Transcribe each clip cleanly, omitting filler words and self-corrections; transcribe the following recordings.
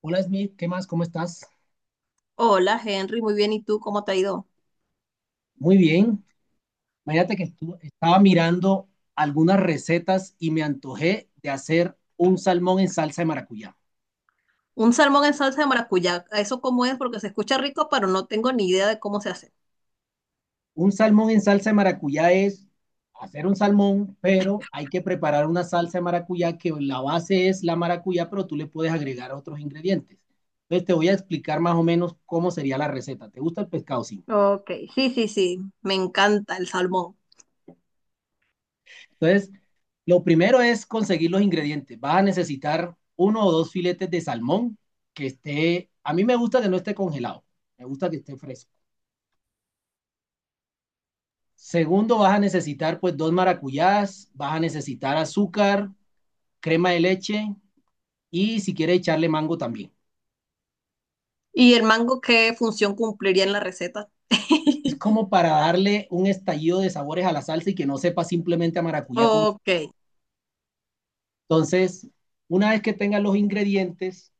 Hola Smith, ¿qué más? ¿Cómo estás? Hola Henry, muy bien. ¿Y tú cómo te ha ido? Muy bien. Imagínate que estaba mirando algunas recetas y me antojé de hacer un salmón en salsa de maracuyá. Un salmón en salsa de maracuyá. ¿Eso cómo es? Porque se escucha rico, pero no tengo ni idea de cómo se hace. Un salmón en salsa de maracuyá es hacer un salmón, pero hay que preparar una salsa de maracuyá que la base es la maracuyá, pero tú le puedes agregar otros ingredientes. Entonces te voy a explicar más o menos cómo sería la receta. ¿Te gusta el pescado? Sí. Ok, sí, sí, sí. Me encanta el salmón. Entonces lo primero es conseguir los ingredientes. Vas a necesitar uno o dos filetes de salmón que esté, a mí me gusta que no esté congelado, me gusta que esté fresco. Segundo, vas a necesitar pues dos maracuyás, vas a necesitar azúcar, crema de leche y si quieres echarle mango también. ¿Y el mango qué función cumpliría en la receta? Es como para darle un estallido de sabores a la salsa y que no sepa simplemente a maracuyá. Con... Ok. Entonces, una vez que tengas los ingredientes,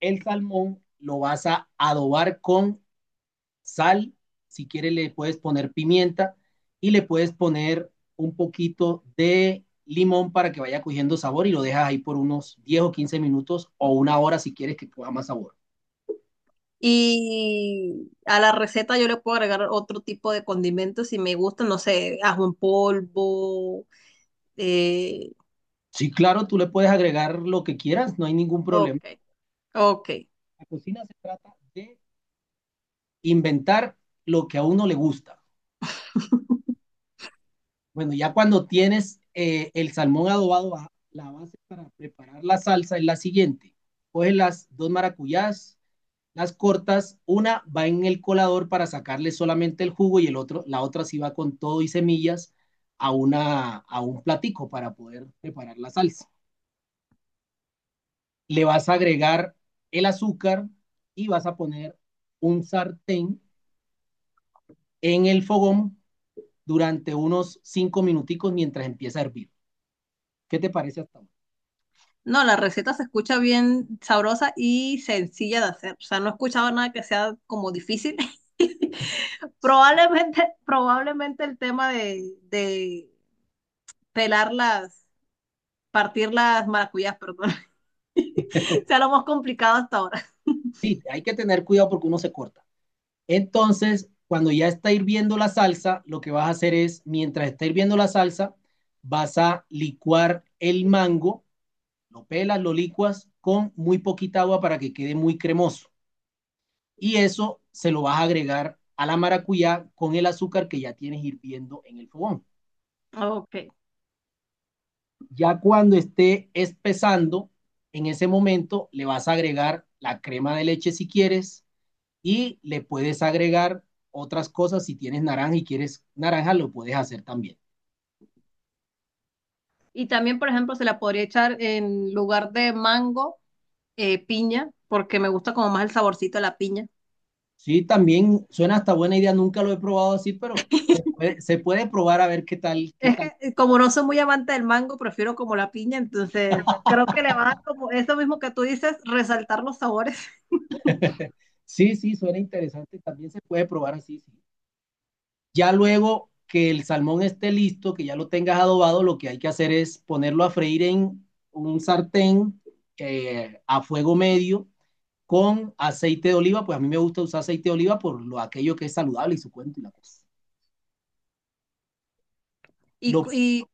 el salmón lo vas a adobar con sal, si quieres le puedes poner pimienta y le puedes poner un poquito de limón para que vaya cogiendo sabor y lo dejas ahí por unos 10 o 15 minutos o una hora si quieres que coja más sabor. Y a la receta yo le puedo agregar otro tipo de condimentos si me gusta, no sé, ajo en polvo. eh, Sí, claro, tú le puedes agregar lo que quieras, no hay ningún problema. ok, ok. La cocina se trata de inventar lo que a uno le gusta. Bueno, ya cuando tienes el salmón adobado, la base para preparar la salsa es la siguiente. Coges las dos maracuyás, las cortas, una va en el colador para sacarle solamente el jugo y el otro, la otra sí va con todo y semillas a una a un platico para poder preparar la salsa. Le vas a agregar el azúcar y vas a poner un sartén en el fogón durante unos 5 minuticos mientras empieza a hervir. ¿Qué te parece hasta ahora? No, la receta se escucha bien sabrosa y sencilla de hacer. O sea, no he escuchado nada que sea como difícil. Probablemente, probablemente el tema de pelar las, partir las maracuyás, perdón, sea lo más complicado hasta ahora. Sí, hay que tener cuidado porque uno se corta. Entonces, cuando ya está hirviendo la salsa, lo que vas a hacer es, mientras está hirviendo la salsa, vas a licuar el mango, lo pelas, lo licuas con muy poquita agua para que quede muy cremoso. Y eso se lo vas a agregar a la maracuyá con el azúcar que ya tienes hirviendo en el fogón. Ok. Ya cuando esté espesando, en ese momento le vas a agregar la crema de leche si quieres, y le puedes agregar otras cosas. Si tienes naranja y quieres naranja, lo puedes hacer también. Y también, por ejemplo, se la podría echar en lugar de mango, piña, porque me gusta como más el saborcito de la piña. Sí, también suena hasta buena idea. Nunca lo he probado así, pero se puede probar a ver qué tal, qué Es tal. que como no soy muy amante del mango, prefiero como la piña, entonces creo que le va a dar como eso mismo que tú dices, resaltar los sabores. Sí, sí, suena interesante. También se puede probar así, sí. Ya luego que el salmón esté listo, que ya lo tengas adobado, lo que hay que hacer es ponerlo a freír en un sartén a fuego medio con aceite de oliva. Pues a mí me gusta usar aceite de oliva por lo, aquello que es saludable y su cuento y la cosa. ¿Y, Lo, cu- y,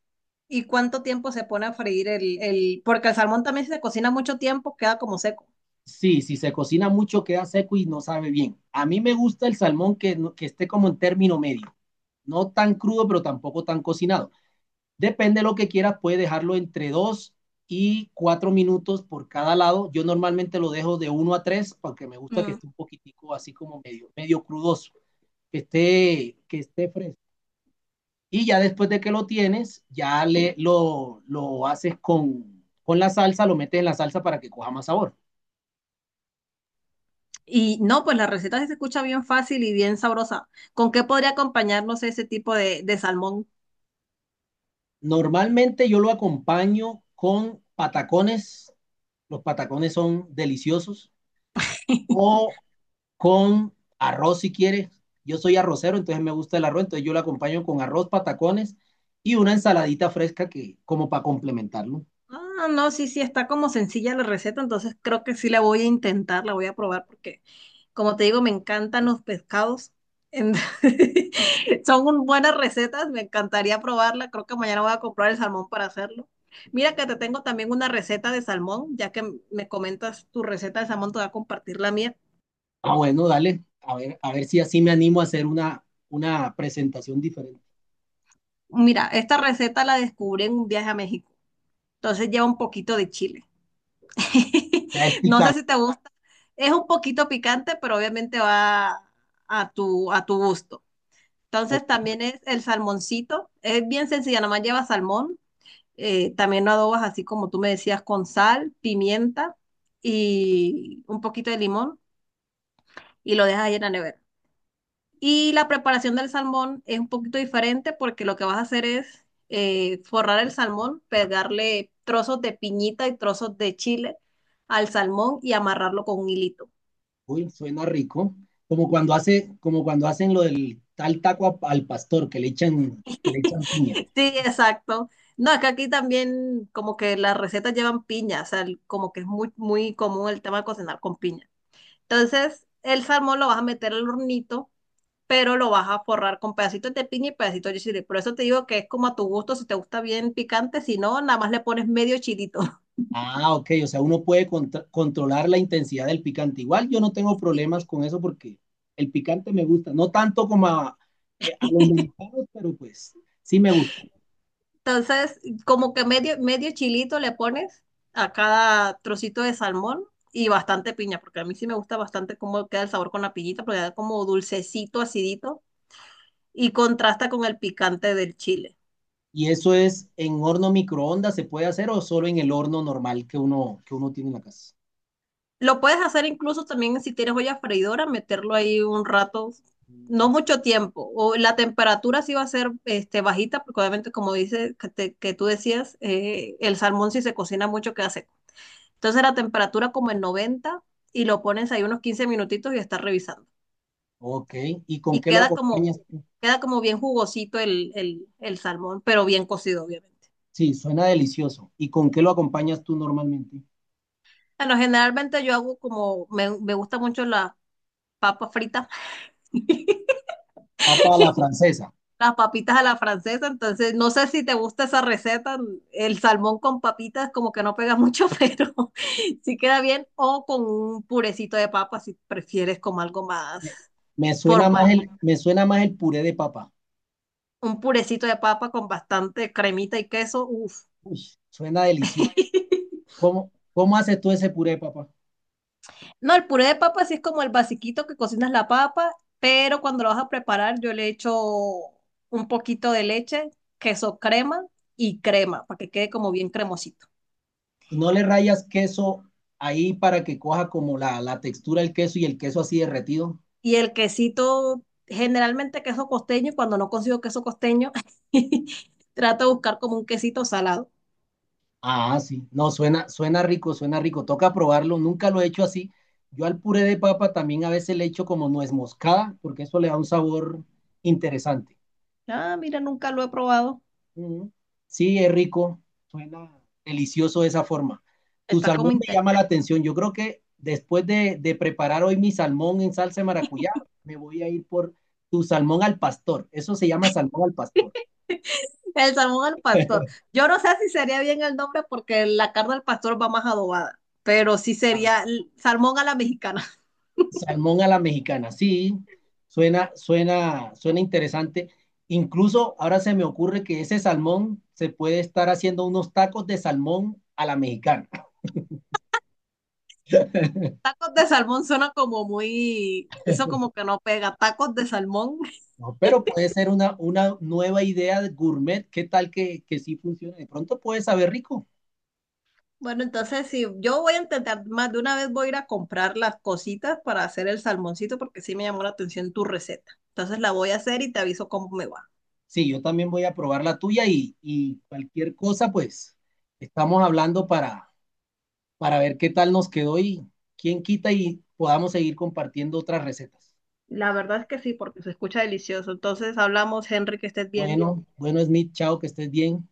y cuánto tiempo se pone a freír el...? Porque el salmón también si se cocina mucho tiempo, queda como seco. sí, si se cocina mucho queda seco y no sabe bien. A mí me gusta el salmón que, que esté como en término medio, no tan crudo, pero tampoco tan cocinado. Depende de lo que quieras, puedes dejarlo entre 2 y 4 minutos por cada lado. Yo normalmente lo dejo de uno a tres porque me gusta que Mm. esté un poquitico así como medio, medio crudoso, que esté fresco. Y ya después de que lo tienes, ya lo haces con la salsa, lo metes en la salsa para que coja más sabor. Y no, pues la receta sí se escucha bien fácil y bien sabrosa. ¿Con qué podría acompañarnos ese tipo de salmón? Normalmente yo lo acompaño con patacones, los patacones son deliciosos, o con arroz si quieres. Yo soy arrocero, entonces me gusta el arroz, entonces yo lo acompaño con arroz, patacones y una ensaladita fresca que como para complementarlo. Ah, no, sí, sí, está como sencilla la receta, entonces creo que sí la voy a intentar, la voy a probar porque como te digo, me encantan los pescados. En- Buenas recetas, me encantaría probarla. Creo que mañana voy a comprar el salmón para hacerlo. Mira que te tengo también una receta de salmón, ya que me comentas tu receta de salmón, te voy a compartir la mía. Ah, bueno, dale, a ver si así me animo a hacer una presentación diferente. Mira, esta receta la descubrí en un viaje a México, entonces lleva un poquito de chile. Ya es No sé picante. si te gusta, es un poquito picante, pero obviamente va a tu gusto. Entonces también es el salmoncito, es bien sencilla, nomás lleva salmón, también lo adobas así como tú me decías, con sal, pimienta y un poquito de limón, y lo dejas ahí en la nevera. Y la preparación del salmón es un poquito diferente porque lo que vas a hacer es forrar el salmón, pegarle trozos de piñita y trozos de chile al salmón y amarrarlo con un hilito. Uy, suena rico. Como cuando hacen lo del tal taco al pastor que le echan, que le echan piña. Sí, exacto. No, es que aquí también como que las recetas llevan piña, o sea, como que es muy, muy común el tema de cocinar con piña. Entonces, el salmón lo vas a meter al hornito, pero lo vas a forrar con pedacitos de piña y pedacitos de chile. Por eso te digo que es como a tu gusto, si te gusta bien picante, si no, nada más le pones medio chilito. Ah, ok, o sea, uno puede controlar la intensidad del picante. Igual yo no tengo Sí. problemas con eso porque el picante me gusta, no tanto como a los mexicanos, pero pues sí me gusta. Entonces, como que medio, medio chilito le pones a cada trocito de salmón y bastante piña, porque a mí sí me gusta bastante cómo queda el sabor con la piñita, porque da como dulcecito, acidito y contrasta con el picante del chile. ¿Y eso es en horno microondas se puede hacer o solo en el horno normal que uno tiene en la casa? Lo puedes hacer incluso también si tienes olla freidora, meterlo ahí un rato, no Mm. mucho tiempo. O la temperatura sí va a ser este, bajita, porque obviamente, como dices, que tú decías, el salmón si se cocina mucho queda seco. Entonces la temperatura como en 90 y lo pones ahí unos 15 minutitos y estás revisando. Ok, ¿y con Y qué lo acompañas tú? queda como bien jugosito el salmón, pero bien cocido, obviamente. Sí, suena delicioso. ¿Y con qué lo acompañas tú normalmente? Bueno, generalmente yo hago como, me gusta mucho la papa frita. Papa a la francesa. Las papitas a la francesa, entonces no sé si te gusta esa receta, el salmón con papitas como que no pega mucho, pero sí queda bien, o con un purecito de papa si prefieres como algo más Me, me suena formal. más el puré de papa. Un purecito de papa con bastante cremita y queso, uff. Uy, suena delicioso. ¿Cómo haces tú ese puré, papá? No, el puré de papa sí es como el basiquito que cocinas la papa, pero cuando lo vas a preparar yo le echo un poquito de leche, queso crema y crema, para que quede como bien cremosito. ¿Y no le rayas queso ahí para que coja como la textura del queso y el queso así derretido? Y el quesito, generalmente queso costeño, y cuando no consigo queso costeño, trato de buscar como un quesito salado. Ah, sí. No, suena rico. Toca probarlo. Nunca lo he hecho así. Yo al puré de papa también a veces le echo como nuez moscada, porque eso le da un sabor interesante. Ah, mira, nunca lo he probado. Mm. Sí, es rico, suena delicioso de esa forma. Tu Está salmón como me llama interesante. la atención. Yo creo que después de preparar hoy mi salmón en salsa de maracuyá, me voy a ir por tu salmón al pastor. Eso se llama salmón al pastor. El salmón al pastor. Yo no sé si sería bien el nombre porque la carne al pastor va más adobada, pero sí Ah, sería salmón a la mexicana. salmón a la mexicana, sí, suena interesante. Incluso ahora se me ocurre que ese salmón se puede estar haciendo unos tacos de salmón a la mexicana. Tacos de salmón suena como muy, eso como que no pega. Tacos de salmón. No, pero puede ser una nueva idea de gourmet. ¿Qué tal que sí funcione? De pronto puede saber rico. Bueno, entonces sí, yo voy a intentar, más de una vez voy a ir a comprar las cositas para hacer el salmoncito porque sí me llamó la atención tu receta. Entonces la voy a hacer y te aviso cómo me va. Sí, yo también voy a probar la tuya y cualquier cosa, pues estamos hablando para ver qué tal nos quedó y quién quita y podamos seguir compartiendo otras recetas. La verdad es que sí, porque se escucha delicioso. Entonces hablamos, Henry, que estés bien. Bueno, bueno, Smith, chao, que estés bien.